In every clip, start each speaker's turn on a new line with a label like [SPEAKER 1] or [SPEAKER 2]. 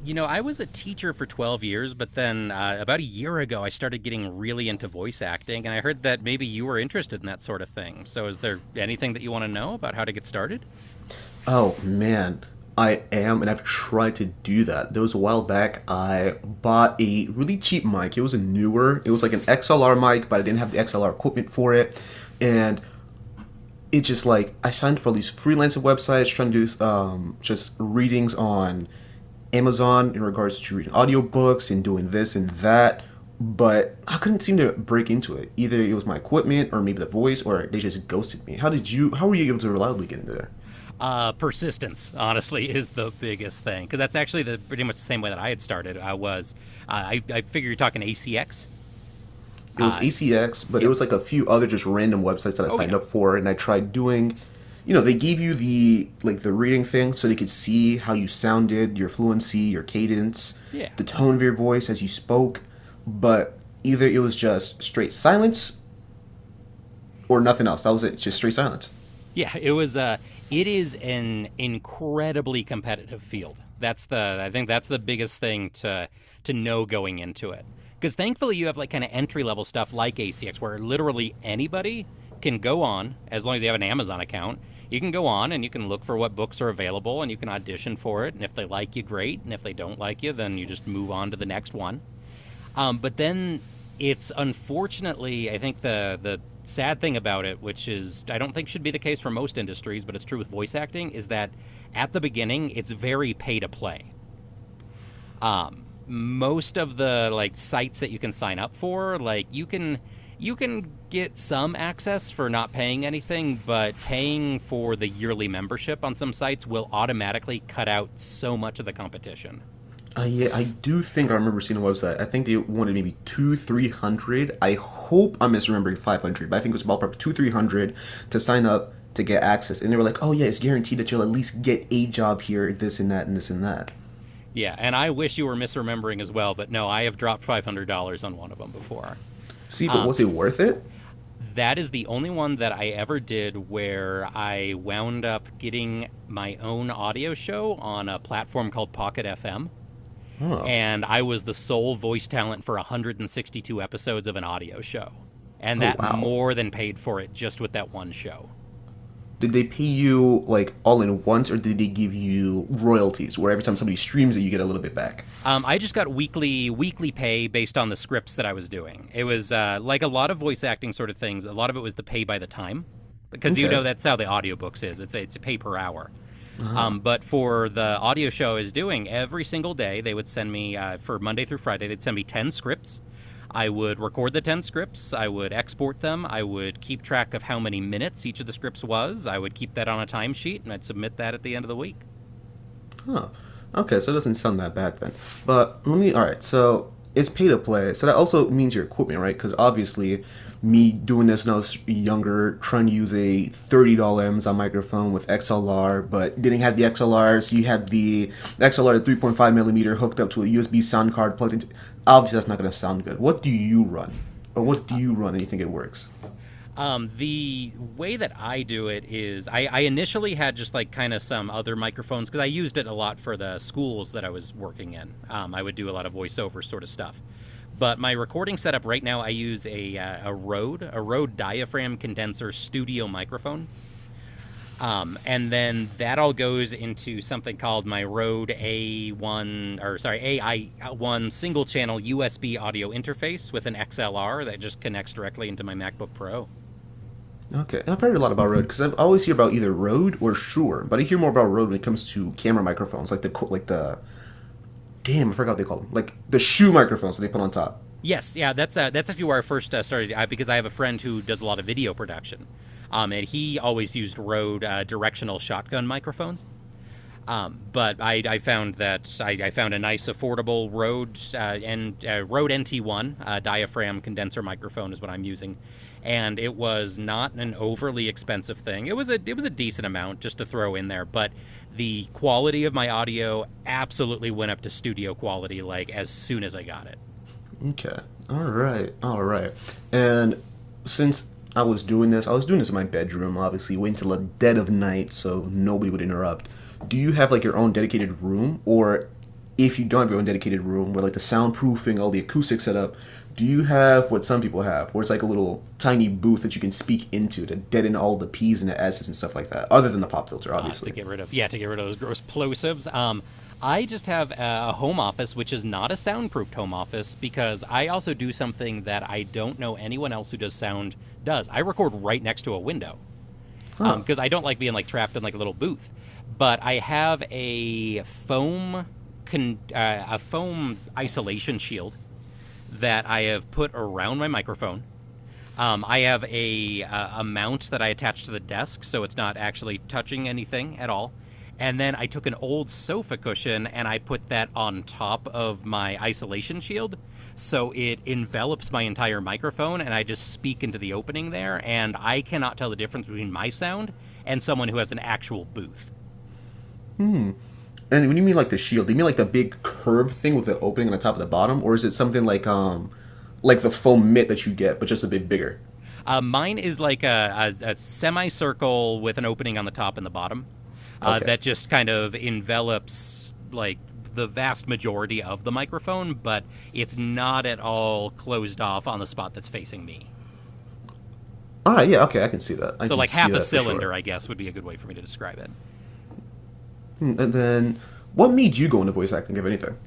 [SPEAKER 1] You know, I was a teacher for 12 years, but then about a year ago, I started getting really into voice acting, and I heard that maybe you were interested in that sort of thing. So, is there anything that you want to know about how to get started?
[SPEAKER 2] Oh man, I am, and I've tried to do that. There was a while back, I bought a really cheap mic. It was like an XLR mic, but I didn't have the XLR equipment for it. And it just like, I signed for all these freelancer websites trying to do just readings on Amazon in regards to reading audiobooks and doing this and that. But I couldn't seem to break into it. Either it was my equipment, or maybe the voice, or they just ghosted me. How did you? How were you able to reliably get into there?
[SPEAKER 1] Persistence, honestly, is the biggest thing because that's actually the pretty much the same way that I had started. I figure you're talking ACX.
[SPEAKER 2] It was
[SPEAKER 1] Uh,
[SPEAKER 2] ACX, but it
[SPEAKER 1] yep.
[SPEAKER 2] was like a few other just random websites that I
[SPEAKER 1] Oh,
[SPEAKER 2] signed
[SPEAKER 1] yeah,
[SPEAKER 2] up for, and I tried doing. You know, they gave you the reading thing so they could see how you sounded, your fluency, your cadence,
[SPEAKER 1] yeah.
[SPEAKER 2] the tone of your voice as you spoke, but either it was just straight silence or nothing else. That was it, just straight silence.
[SPEAKER 1] Yeah, it is an incredibly competitive field. That's the I think that's the biggest thing to know going into it. Cuz thankfully you have like kind of entry level stuff like ACX where literally anybody can go on as long as you have an Amazon account. You can go on and you can look for what books are available and you can audition for it, and if they like you, great, and if they don't like you, then you just move on to the next one. But then it's unfortunately, I think the sad thing about it, which is I don't think should be the case for most industries, but it's true with voice acting, is that at the beginning it's very pay to play. Most of the like sites that you can sign up for, like you can get some access for not paying anything, but paying for the yearly membership on some sites will automatically cut out so much of the competition.
[SPEAKER 2] Yeah, I do think I remember seeing a website. I think they wanted maybe two, 300. I hope I'm misremembering 500, but I think it was ballpark two, 300 to sign up to get access. And they were like, "Oh yeah, it's guaranteed that you'll at least get a job here, this and that, and this and that."
[SPEAKER 1] Yeah, and I wish you were misremembering as well, but no, I have dropped $500 on one of them before.
[SPEAKER 2] See, but
[SPEAKER 1] Um,
[SPEAKER 2] was it worth it?
[SPEAKER 1] that is the only one that I ever did where I wound up getting my own audio show on a platform called Pocket FM,
[SPEAKER 2] Oh,
[SPEAKER 1] and I was the sole voice talent for 162 episodes of an audio show. And
[SPEAKER 2] oh,
[SPEAKER 1] that
[SPEAKER 2] wow.
[SPEAKER 1] more than paid for it just with that one show.
[SPEAKER 2] Did they pay you like all in once, or did they give you royalties, where every time somebody streams it, you get a little bit back?
[SPEAKER 1] I just got weekly pay based on the scripts that I was doing. It was like a lot of voice acting sort of things. A lot of it was the pay by the time because you
[SPEAKER 2] Okay.
[SPEAKER 1] know that's how the audiobooks is. It's a pay per hour.
[SPEAKER 2] Ah,
[SPEAKER 1] But for the audio show I was doing every single day, they would send me for Monday through Friday. They'd send me ten scripts. I would record the 10 scripts. I would export them. I would keep track of how many minutes each of the scripts was. I would keep that on a timesheet, and I'd submit that at the end of the week.
[SPEAKER 2] huh. Okay, so it doesn't sound that bad then. But let me. All right, so it's pay to play. So that also means your equipment, right? Because obviously, me doing this when I was younger, trying to use a $30 Amazon microphone with XLR, but didn't have the XLR, so you had the XLR 3.5 millimeter hooked up to a USB sound card plugged into. Obviously, that's not going to sound good. What do you run, and you think it works?
[SPEAKER 1] The way that I do it is I initially had just like kind of some other microphones because I used it a lot for the schools that I was working in. I would do a lot of voiceover sort of stuff. But my recording setup right now, I use a Rode diaphragm condenser studio microphone. And then that all goes into something called my Rode A1, or sorry, AI1 single channel USB audio interface with an XLR that just connects directly into my MacBook Pro.
[SPEAKER 2] Okay, I've heard a lot about Rode because I always hear about either Rode or Shure, but I hear more about Rode when it comes to camera microphones, like the damn I forgot what they call them, like the shoe microphones that they put on top.
[SPEAKER 1] Yes, yeah, that's actually where I first started because I have a friend who does a lot of video production, and he always used Rode directional shotgun microphones, but I found that I found a nice, affordable Rode NT1 diaphragm condenser microphone is what I'm using, and it was not an overly expensive thing. It was a decent amount just to throw in there, but the quality of my audio absolutely went up to studio quality like as soon as I got it.
[SPEAKER 2] Okay. All right. All right. And since I was doing this in my bedroom, obviously, waiting till the dead of night so nobody would interrupt. Do you have like your own dedicated room, or if you don't have your own dedicated room, where like the soundproofing, all the acoustic setup, do you have what some people have, where it's like a little tiny booth that you can speak into to deaden all the p's and the s's and stuff like that, other than the pop filter,
[SPEAKER 1] To
[SPEAKER 2] obviously?
[SPEAKER 1] get rid of yeah to get rid of those gross plosives. I just have a home office which is not a soundproofed home office because I also do something that I don't know anyone else who does sound does. I record right next to a window
[SPEAKER 2] Huh.
[SPEAKER 1] because I don't like being like trapped in like a little booth. But I have a foam isolation shield that I have put around my microphone. I have a mount that I attach to the desk, so it's not actually touching anything at all. And then I took an old sofa cushion and I put that on top of my isolation shield. So it envelops my entire microphone, and I just speak into the opening there. And I cannot tell the difference between my sound and someone who has an actual booth.
[SPEAKER 2] And when you mean like the shield, do you mean like the big curved thing with the opening on the top of the bottom, or is it something like the foam mitt that you get, but just a bit bigger?
[SPEAKER 1] Mine is like a semicircle with an opening on the top and the bottom
[SPEAKER 2] Okay.
[SPEAKER 1] that just kind of envelops like the vast majority of the microphone, but it's not at all closed off on the spot that's facing me.
[SPEAKER 2] All right. Yeah. Okay. I can see that. I
[SPEAKER 1] So,
[SPEAKER 2] can
[SPEAKER 1] like
[SPEAKER 2] see
[SPEAKER 1] half a
[SPEAKER 2] that for sure.
[SPEAKER 1] cylinder, I guess, would be a good way for me to describe it.
[SPEAKER 2] Hmm, and then, what made you go into voice acting, if anything?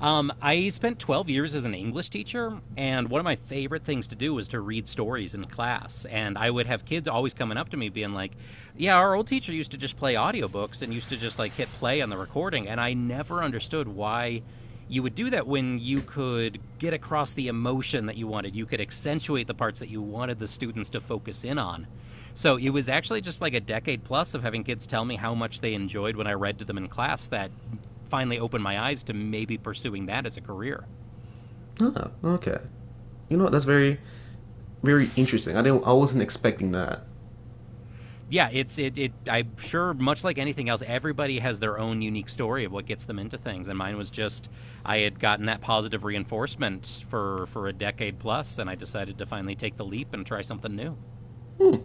[SPEAKER 1] I spent 12 years as an English teacher, and one of my favorite things to do was to read stories in class. And I would have kids always coming up to me being like, "Yeah, our old teacher used to just play audiobooks and used to just like hit play on the recording." And I never understood why you would do that when you could get across the emotion that you wanted. You could accentuate the parts that you wanted the students to focus in on. So it was actually just like a decade plus of having kids tell me how much they enjoyed when I read to them in class that finally opened my eyes to maybe pursuing that as a career.
[SPEAKER 2] Ah. Okay. You know what? That's very, very interesting. I didn't. I wasn't expecting that.
[SPEAKER 1] Yeah, it I'm sure much like anything else everybody has their own unique story of what gets them into things, and mine was just I had gotten that positive reinforcement for a decade plus, and I decided to finally take the leap and try something new.
[SPEAKER 2] Hmm.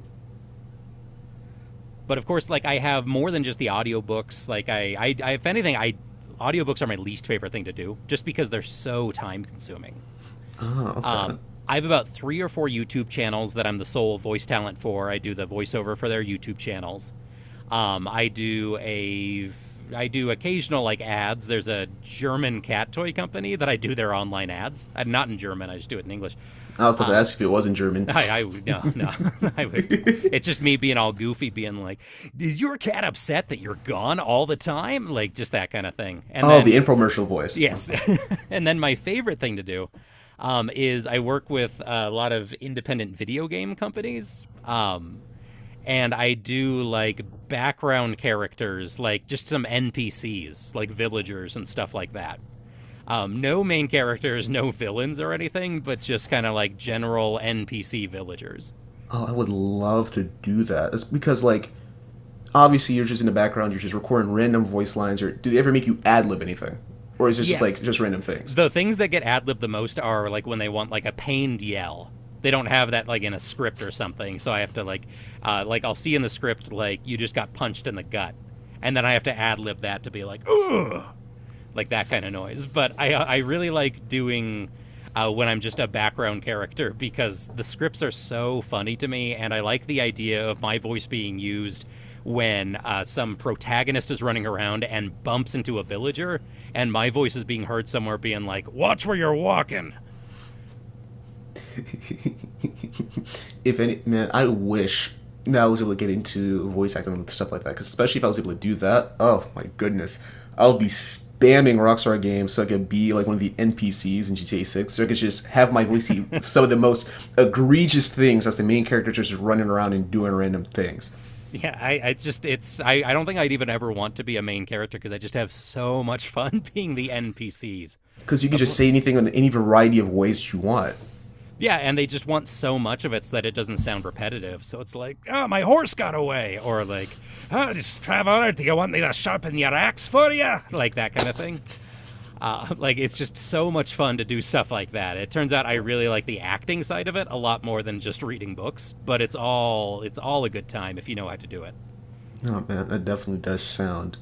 [SPEAKER 1] But of course like I have more than just the audiobooks like I, if anything, I audiobooks are my least favorite thing to do just because they're so time consuming.
[SPEAKER 2] Ah. Okay.
[SPEAKER 1] Um, I have about three or four YouTube channels that I'm the sole voice talent for. I do the voiceover for their YouTube channels. Um, I do a I do occasional like ads. There's a German cat toy company that I do their online ads. I'm not in German. I just do it in English.
[SPEAKER 2] I was about to
[SPEAKER 1] Um,
[SPEAKER 2] ask if it was in German.
[SPEAKER 1] I would. No, no. I would. It's just me being all goofy, being like, "Is your cat upset that you're gone all the time?" Like just that kind of thing. And
[SPEAKER 2] Oh, the
[SPEAKER 1] then
[SPEAKER 2] infomercial voice.
[SPEAKER 1] yes. And then my favorite thing to do is I work with a lot of independent video game companies. And I do like background characters, like just some NPCs, like villagers and stuff like that. No main characters, no villains or anything, but just kind of like general NPC villagers.
[SPEAKER 2] Oh, I would love to do that. It's because like obviously, you're just in the background. You're just recording random voice lines. Or do they ever make you ad lib anything, or is it just like
[SPEAKER 1] Yes.
[SPEAKER 2] just random things?
[SPEAKER 1] The things that get ad libbed the most are like when they want like a pained yell. They don't have that like in a script or something. So I have to like I'll see in the script like you just got punched in the gut, and then I have to ad lib that to be like, ugh, like that kind of noise. But I really like doing when I'm just a background character because the scripts are so funny to me, and I like the idea of my voice being used when some protagonist is running around and bumps into a villager, and my voice is being heard somewhere being like, "Watch where you're walking."
[SPEAKER 2] If any, man, I wish that I was able to get into voice acting and stuff like that. Because especially if I was able to do that, oh my goodness, I'll be spamming Rockstar Games so I could be like one of the NPCs in GTA 6. So I could just have my voice see some of the most egregious things as the main character just running around and doing random things.
[SPEAKER 1] Yeah, I don't think I'd even ever want to be a main character because I just have so much fun being the NPCs
[SPEAKER 2] Because you can just
[SPEAKER 1] of.
[SPEAKER 2] say anything in any variety of ways you want.
[SPEAKER 1] Yeah, and they just want so much of it so that it doesn't sound repetitive. So it's like, oh, my horse got away, or like, oh, just traveler, do you want me to sharpen your axe for you? Like that kind of thing. Like it's just so much fun to do stuff like that. It turns out I really like the acting side of it a lot more than just reading books, but it's all a good time if you know how to do it.
[SPEAKER 2] No, man, that definitely does sound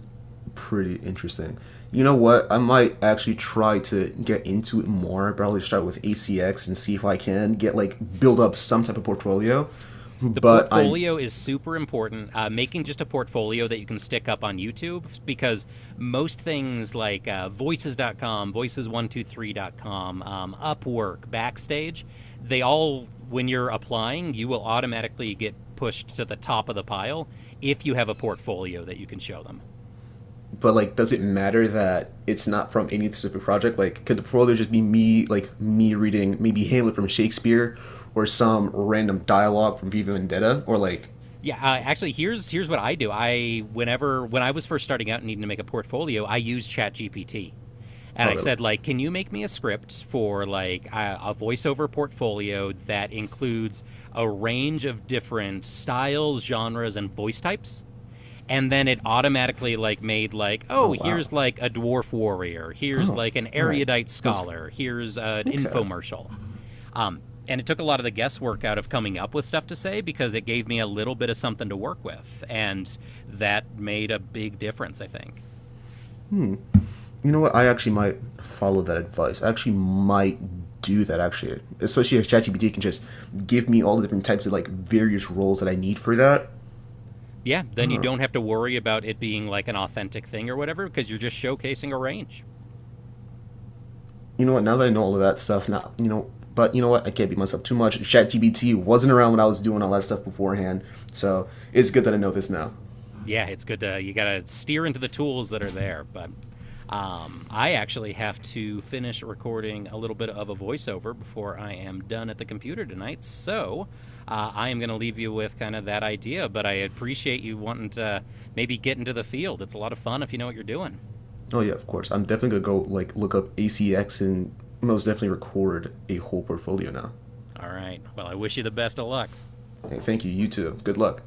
[SPEAKER 2] pretty interesting. You know what? I might actually try to get into it more. Probably start with ACX and see if I can get like build up some type of portfolio.
[SPEAKER 1] The
[SPEAKER 2] But I'm,
[SPEAKER 1] portfolio is super important. Making just a portfolio that you can stick up on YouTube because most things like Voices.com, voices123.com, 123.com, Upwork, Backstage, they all, when you're applying, you will automatically get pushed to the top of the pile if you have a portfolio that you can show them.
[SPEAKER 2] but like, does it matter that it's not from any specific project? Like, could the portfolio just be me, like me reading maybe Hamlet from Shakespeare, or some random dialogue from Viva Vendetta, or like,
[SPEAKER 1] Yeah, actually, here's what I do. I whenever when I was first starting out and needing to make a portfolio, I used ChatGPT, and
[SPEAKER 2] oh
[SPEAKER 1] I
[SPEAKER 2] really?
[SPEAKER 1] said, like, can you make me a script for like a voiceover portfolio that includes a range of different styles, genres, and voice types? And then it automatically like made like,
[SPEAKER 2] Oh
[SPEAKER 1] oh,
[SPEAKER 2] wow.
[SPEAKER 1] here's like a dwarf warrior, here's
[SPEAKER 2] Oh,
[SPEAKER 1] like an
[SPEAKER 2] all right.
[SPEAKER 1] erudite
[SPEAKER 2] Let's.
[SPEAKER 1] scholar, here's an
[SPEAKER 2] Okay.
[SPEAKER 1] infomercial. Um, and it took a lot of the guesswork out of coming up with stuff to say because it gave me a little bit of something to work with, and that made a big difference, I think.
[SPEAKER 2] Hmm. You know what? I actually might follow that advice. I actually might do that actually. Especially if ChatGPT can just give me all the different types of like various roles that I need for that.
[SPEAKER 1] Yeah, then you
[SPEAKER 2] Oh.
[SPEAKER 1] don't have to worry about it being like an authentic thing or whatever because you're just showcasing a range.
[SPEAKER 2] You know what? Now that I know all of that stuff, now you know. But you know what? I can't beat myself too much. ChatGPT wasn't around when I was doing all that stuff beforehand, so it's good that I know this now.
[SPEAKER 1] Yeah, it's good to you got to steer into the tools that are there, but I actually have to finish recording a little bit of a voiceover before I am done at the computer tonight. So I am going to leave you with kind of that idea, but I appreciate you wanting to maybe get into the field. It's a lot of fun if you know what you're doing.
[SPEAKER 2] Oh yeah, of course. I'm definitely gonna go like look up ACX and most definitely record a whole portfolio now.
[SPEAKER 1] All right. Well, I wish you the best of luck.
[SPEAKER 2] Hey, thank you. You too. Good luck.